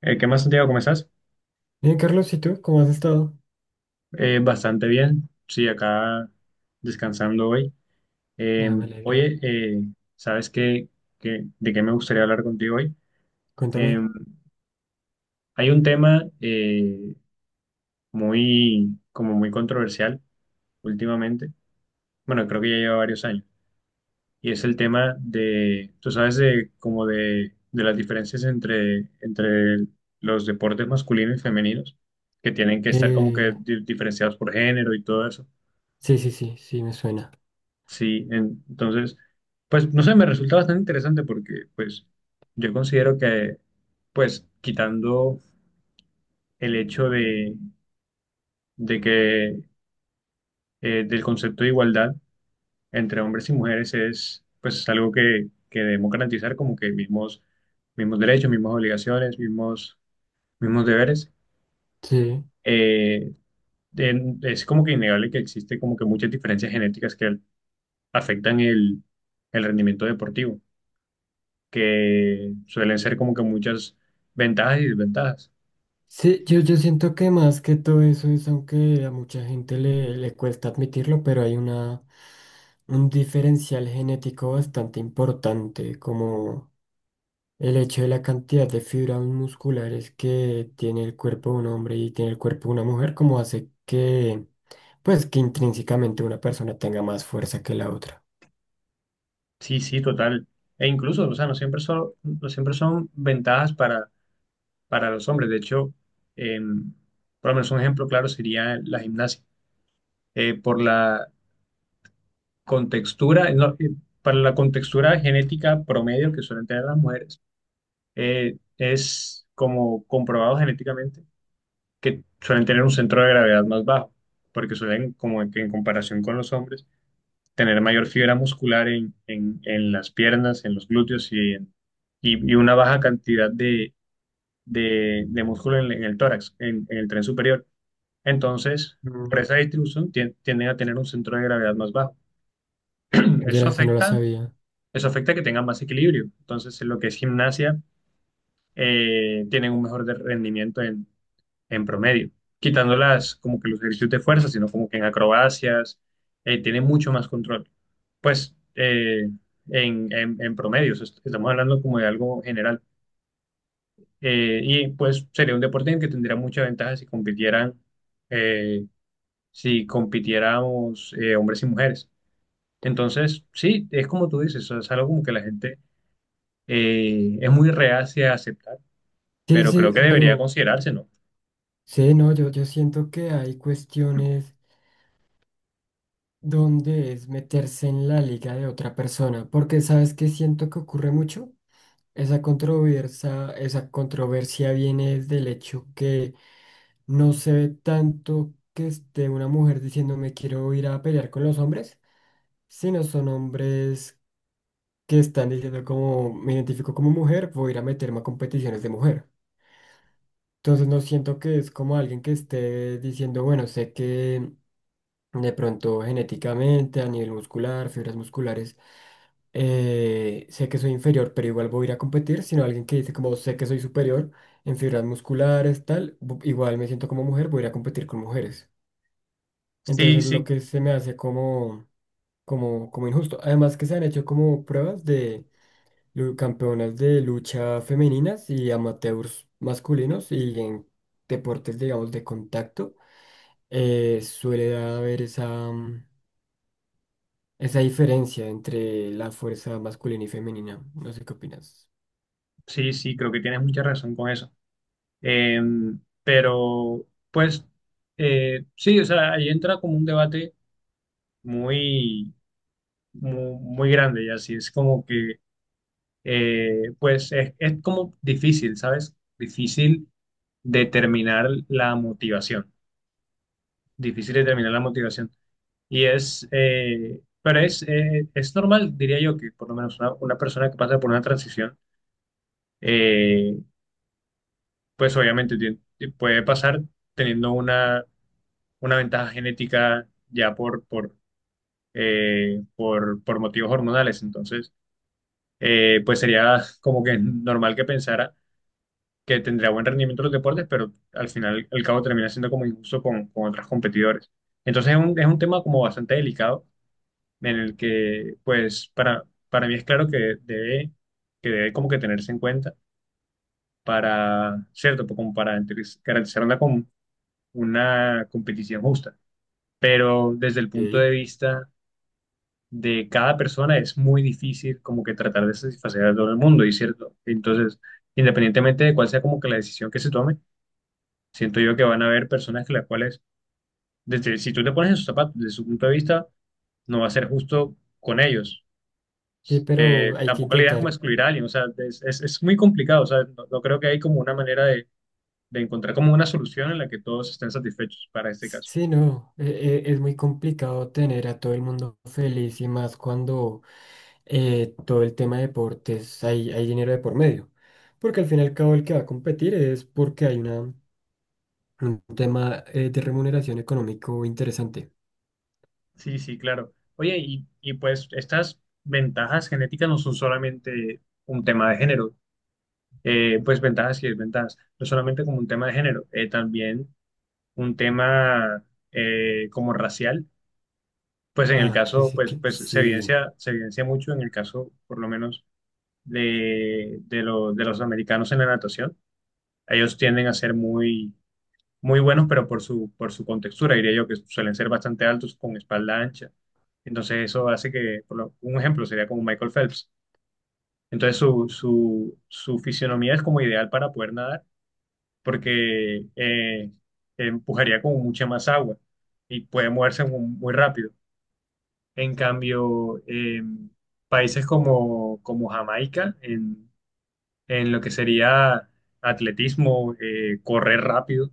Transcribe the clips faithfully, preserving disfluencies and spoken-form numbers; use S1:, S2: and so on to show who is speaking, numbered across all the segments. S1: Eh, ¿qué más, Santiago? ¿Cómo estás?
S2: Bien, Carlos, ¿y tú? ¿Cómo has estado?
S1: Eh, bastante bien. Sí, acá descansando hoy. Eh,
S2: Ah, me alegra.
S1: Oye, eh, ¿sabes qué, qué- de qué me gustaría hablar contigo hoy? Eh,
S2: Cuéntame.
S1: Hay un tema eh, muy, como muy controversial últimamente. Bueno, creo que ya lleva varios años. Y es el tema de, tú sabes, de, como de, de las diferencias entre, entre los deportes masculinos y femeninos, que tienen que estar como
S2: Eh,
S1: que di- diferenciados por género y todo eso.
S2: sí, sí, sí, sí, me suena.
S1: Sí, en- entonces, pues no sé, me resulta bastante interesante porque pues yo considero que pues quitando el hecho de, de que eh, del concepto de igualdad entre hombres y mujeres es pues es algo que, que debemos garantizar como que mismos, mismos derechos, mismas obligaciones, mismos, mismos deberes.
S2: Sí.
S1: Eh, en- es como que innegable que existe como que muchas diferencias genéticas que afectan el, el rendimiento deportivo. Que suelen ser como que muchas ventajas y desventajas.
S2: Sí, yo, yo siento que más que todo eso es, aunque a mucha gente le, le cuesta admitirlo, pero hay una, un diferencial genético bastante importante, como el hecho de la cantidad de fibras musculares que tiene el cuerpo de un hombre y tiene el cuerpo de una mujer, como hace que, pues, que intrínsecamente una persona tenga más fuerza que la otra.
S1: Sí, sí, total. E incluso, o sea, no siempre son, no siempre son ventajas para, para los hombres. De hecho, em, por lo menos un ejemplo claro sería la gimnasia. Eh, por la contextura, no, eh, para la contextura genética promedio que suelen tener las mujeres, eh, es como comprobado genéticamente que suelen tener un centro de gravedad más bajo, porque suelen, como que en comparación con los hombres, tener mayor fibra muscular en, en- en las piernas, en los glúteos y, en- y- y una baja cantidad de, de- de músculo en, en el tórax, en, en el tren superior. Entonces, por esa distribución tien- tienden a tener un centro de gravedad más bajo.
S2: Yo
S1: Eso
S2: no sé, no lo
S1: afecta,
S2: sabía.
S1: Eso afecta que tengan más equilibrio. Entonces, en lo que es gimnasia, eh, tienen un mejor de- rendimiento en promedio, quitándolas como que los ejercicios de fuerza, sino como que en acrobacias, eh, tiene mucho más control. Pues eh, en, en, en promedio, o sea, est- estamos hablando como de algo general. Eh, y pues sería un deporte en el que tendría mucha ventaja si compitieran, eh, si compitiéramos eh, hombres y mujeres. Entonces, sí, es como tú dices, o sea, es algo como que la gente eh, es muy reacia a aceptar,
S2: Sí,
S1: pero
S2: sí,
S1: creo que debería
S2: pero
S1: considerarse, ¿no?
S2: sí, no, yo, yo siento que hay cuestiones donde es meterse en la liga de otra persona, porque ¿sabes qué siento que ocurre mucho? Esa controversia, esa controversia viene del hecho que no se ve tanto que esté una mujer diciendo me quiero ir a pelear con los hombres, sino son hombres que están diciendo como me identifico como mujer, voy a ir a meterme a competiciones de mujer. Entonces no siento que es como alguien que esté diciendo, bueno, sé que de pronto genéticamente, a nivel muscular, fibras musculares, eh, sé que soy inferior, pero igual voy a ir a competir, sino alguien que dice como sé que soy superior en fibras musculares, tal, bu- igual me siento como mujer, voy a ir a competir con mujeres. Entonces
S1: Sí,
S2: es lo
S1: sí,
S2: que se me hace como, como, como injusto. Además que se han hecho como pruebas de lu- campeonas de lucha femeninas y amateurs masculinos y en deportes, digamos, de contacto. Eh, suele haber esa, mm, esa diferencia entre la fuerza masculina y femenina. No sé qué opinas.
S1: sí, sí, creo que tienes mucha razón con eso. Eh, pero, pues, eh, sí, o sea, ahí entra como un debate muy, mu- muy, grande, ya así es como que, eh, pues, es, es como difícil, ¿sabes? Difícil determinar la motivación, difícil determinar la motivación. Y es, eh, pero es, eh, es normal, diría yo, que por lo menos una, una persona que pasa por una transición, eh, pues obviamente tie- puede pasar teniendo una una ventaja genética ya por, por, eh, por, por motivos hormonales. Entonces, eh, pues sería como que normal que pensara que tendría buen rendimiento en los deportes, pero al final el cabo termina siendo como injusto con, con otros competidores. Entonces es un, es un tema como bastante delicado en el que pues para, para mí es claro que debe, que debe como que tenerse en cuenta para, cierto, como para entre- garantizar una, com- una competición justa, pero desde el punto de
S2: Ok.
S1: vista de cada persona es muy difícil como que tratar de satisfacer a todo el mundo, y cierto. Entonces, independientemente de cuál sea como que la decisión que se tome, siento yo que van a haber personas que las cuales, desde, si tú te pones en sus zapatos, desde su punto de vista, no va a ser justo con ellos.
S2: Sí,
S1: Eh,
S2: pero hay que
S1: tampoco la idea es como
S2: intentar.
S1: excluir a alguien, o sea, es, es, es muy complicado, o sea, no, no creo que hay como una manera de, de encontrar como una solución en la que todos estén satisfechos para este caso.
S2: Sí, no, e- e- es muy complicado tener a todo el mundo feliz y más cuando eh, todo el tema de deportes hay, hay dinero de por medio. Porque al fin y al cabo el que va a competir es porque hay una, un tema eh, de remuneración económico interesante.
S1: Sí, sí, claro. Oye, y, y pues estas ventajas genéticas no son solamente un tema de género, eh, pues ventajas y desventajas, no solamente como un tema de género, eh, también un tema eh, como racial, pues en el
S2: Ah, que
S1: caso,
S2: sí,
S1: pues,
S2: que
S1: pues se
S2: sí.
S1: evidencia, se evidencia mucho en el caso, por lo menos, de, de, lo- de los americanos en la natación. Ellos tienden a ser muy, muy buenos, pero por su, por su contextura, diría yo, que suelen ser bastante altos con espalda ancha. Entonces eso hace que, por lo- un ejemplo sería como Michael Phelps. Entonces su, su, su fisionomía es como ideal para poder nadar porque eh, empujaría como mucha más agua y puede moverse mu- muy, rápido. En cambio, eh, países como, como Jamaica, en, en lo que sería atletismo, eh, correr rápido,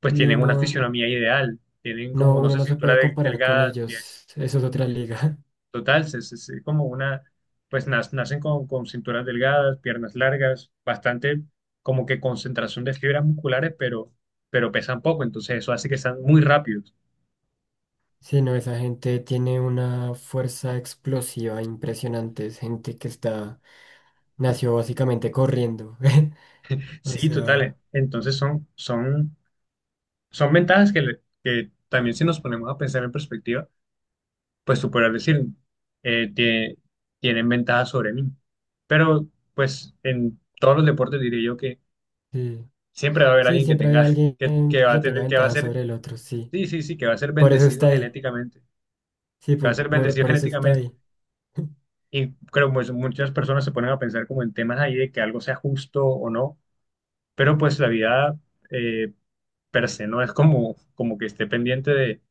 S1: pues
S2: Sí,
S1: tienen una
S2: no.
S1: fisionomía ideal, tienen como,
S2: No,
S1: no
S2: uno
S1: sé,
S2: no se
S1: cintura
S2: puede
S1: de,
S2: comparar con
S1: delgada.
S2: ellos. Eso es otra liga.
S1: Total, se- se- se- como una, pues nas- nacen con, con cinturas delgadas, piernas largas, bastante como que concentración de fibras musculares, pero, pero pesan poco, entonces eso hace que sean muy rápidos.
S2: Sí, no, esa gente tiene una fuerza explosiva impresionante. Es gente que está, nació básicamente corriendo. O
S1: Sí,
S2: sea,
S1: total, entonces son, son, son ventajas que, le- que también si nos ponemos a pensar en perspectiva, pues tú podrás decir, eh, tie- tienen ventajas sobre mí, pero pues en todos los deportes diría yo que
S2: sí.
S1: siempre va a haber
S2: Sí,
S1: alguien que
S2: siempre hay
S1: tenga,
S2: alguien
S1: que, que va a
S2: que tenga
S1: tener, que va a
S2: ventaja
S1: ser.
S2: sobre el otro, sí.
S1: Sí, sí, sí, que va a ser
S2: Por eso
S1: bendecido
S2: está ahí.
S1: genéticamente,
S2: Sí,
S1: que va a
S2: po-
S1: ser
S2: por,
S1: bendecido
S2: por, eso está
S1: genéticamente.
S2: ahí.
S1: Y creo que pues, muchas personas se ponen a pensar como en temas ahí de que algo sea justo o no, pero pues la vida eh, per se no es como, como que esté pendiente de,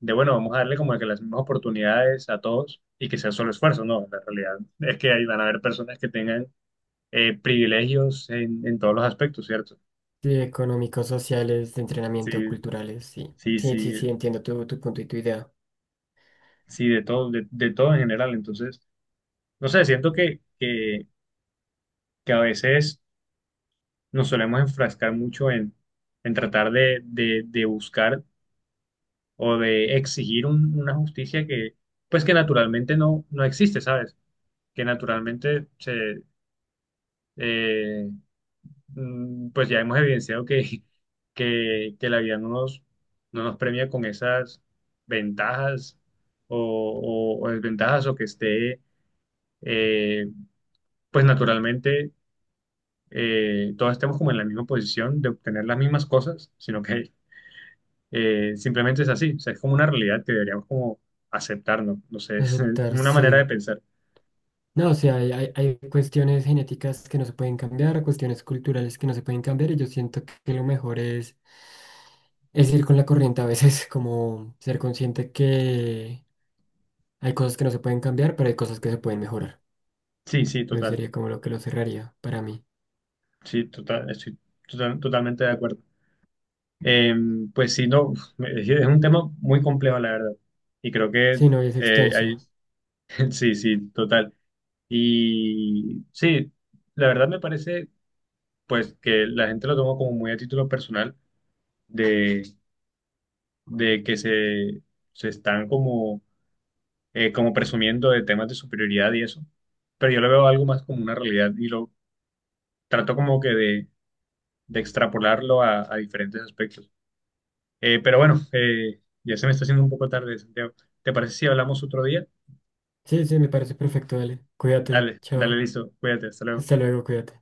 S1: de, bueno, vamos a darle como que las mismas oportunidades a todos y que sea solo esfuerzo, no, la realidad es que ahí van a haber personas que tengan eh, privilegios en, en todos los aspectos, ¿cierto?
S2: Sí, económicos, sociales, de
S1: Sí,
S2: entrenamiento, culturales, sí.
S1: sí,
S2: Sí,
S1: sí,
S2: sí, sí, entiendo tu, tu punto y tu idea.
S1: sí, de todo, de, de todo en general. Entonces, no sé, siento que, que que a veces nos solemos enfrascar mucho en, en tratar de, de- de buscar o de exigir un- una justicia que, pues que naturalmente no, no existe, ¿sabes? Que naturalmente se, eh, mm, pues ya hemos evidenciado que, que, que la vida no nos, no nos premia con esas ventajas o, o- o desventajas o que esté, eh, pues naturalmente eh, todos estemos como en la misma posición de obtener las mismas cosas, sino que. Eh, simplemente es así, o sea, es como una realidad que deberíamos como aceptarnos, no. No sé, es
S2: Aceptar,
S1: una manera
S2: sí.
S1: de pensar.
S2: No, o sea, hay, hay- hay cuestiones genéticas que no se pueden cambiar, cuestiones culturales que no se pueden cambiar, y yo siento que lo mejor es, es ir con la corriente a veces, como ser consciente que hay cosas que no se pueden cambiar, pero hay cosas que se pueden mejorar.
S1: Sí, sí,
S2: Eso
S1: total,
S2: sería como lo que lo cerraría para mí.
S1: sí, total, estoy total- totalmente de acuerdo. Eh, pues sí, no, uf, es es un tema muy complejo, la verdad, y creo que
S2: Sí, no, y es
S1: eh, hay,
S2: extenso.
S1: sí, sí, total. Y sí, la verdad me parece, pues, que la gente lo toma como muy a título personal de, de que se, se están como eh, como presumiendo de temas de superioridad y eso, pero yo lo veo algo más como una realidad y lo trato como que de, de extrapolarlo a, a diferentes aspectos. Eh, pero bueno, eh, ya se me está haciendo un poco tarde, Santiago. ¿Te parece si hablamos otro día?
S2: Sí, sí, me parece perfecto, dale. Cuídate,
S1: Dale, dale,
S2: chao.
S1: listo, cuídate, hasta luego.
S2: Hasta luego, cuídate.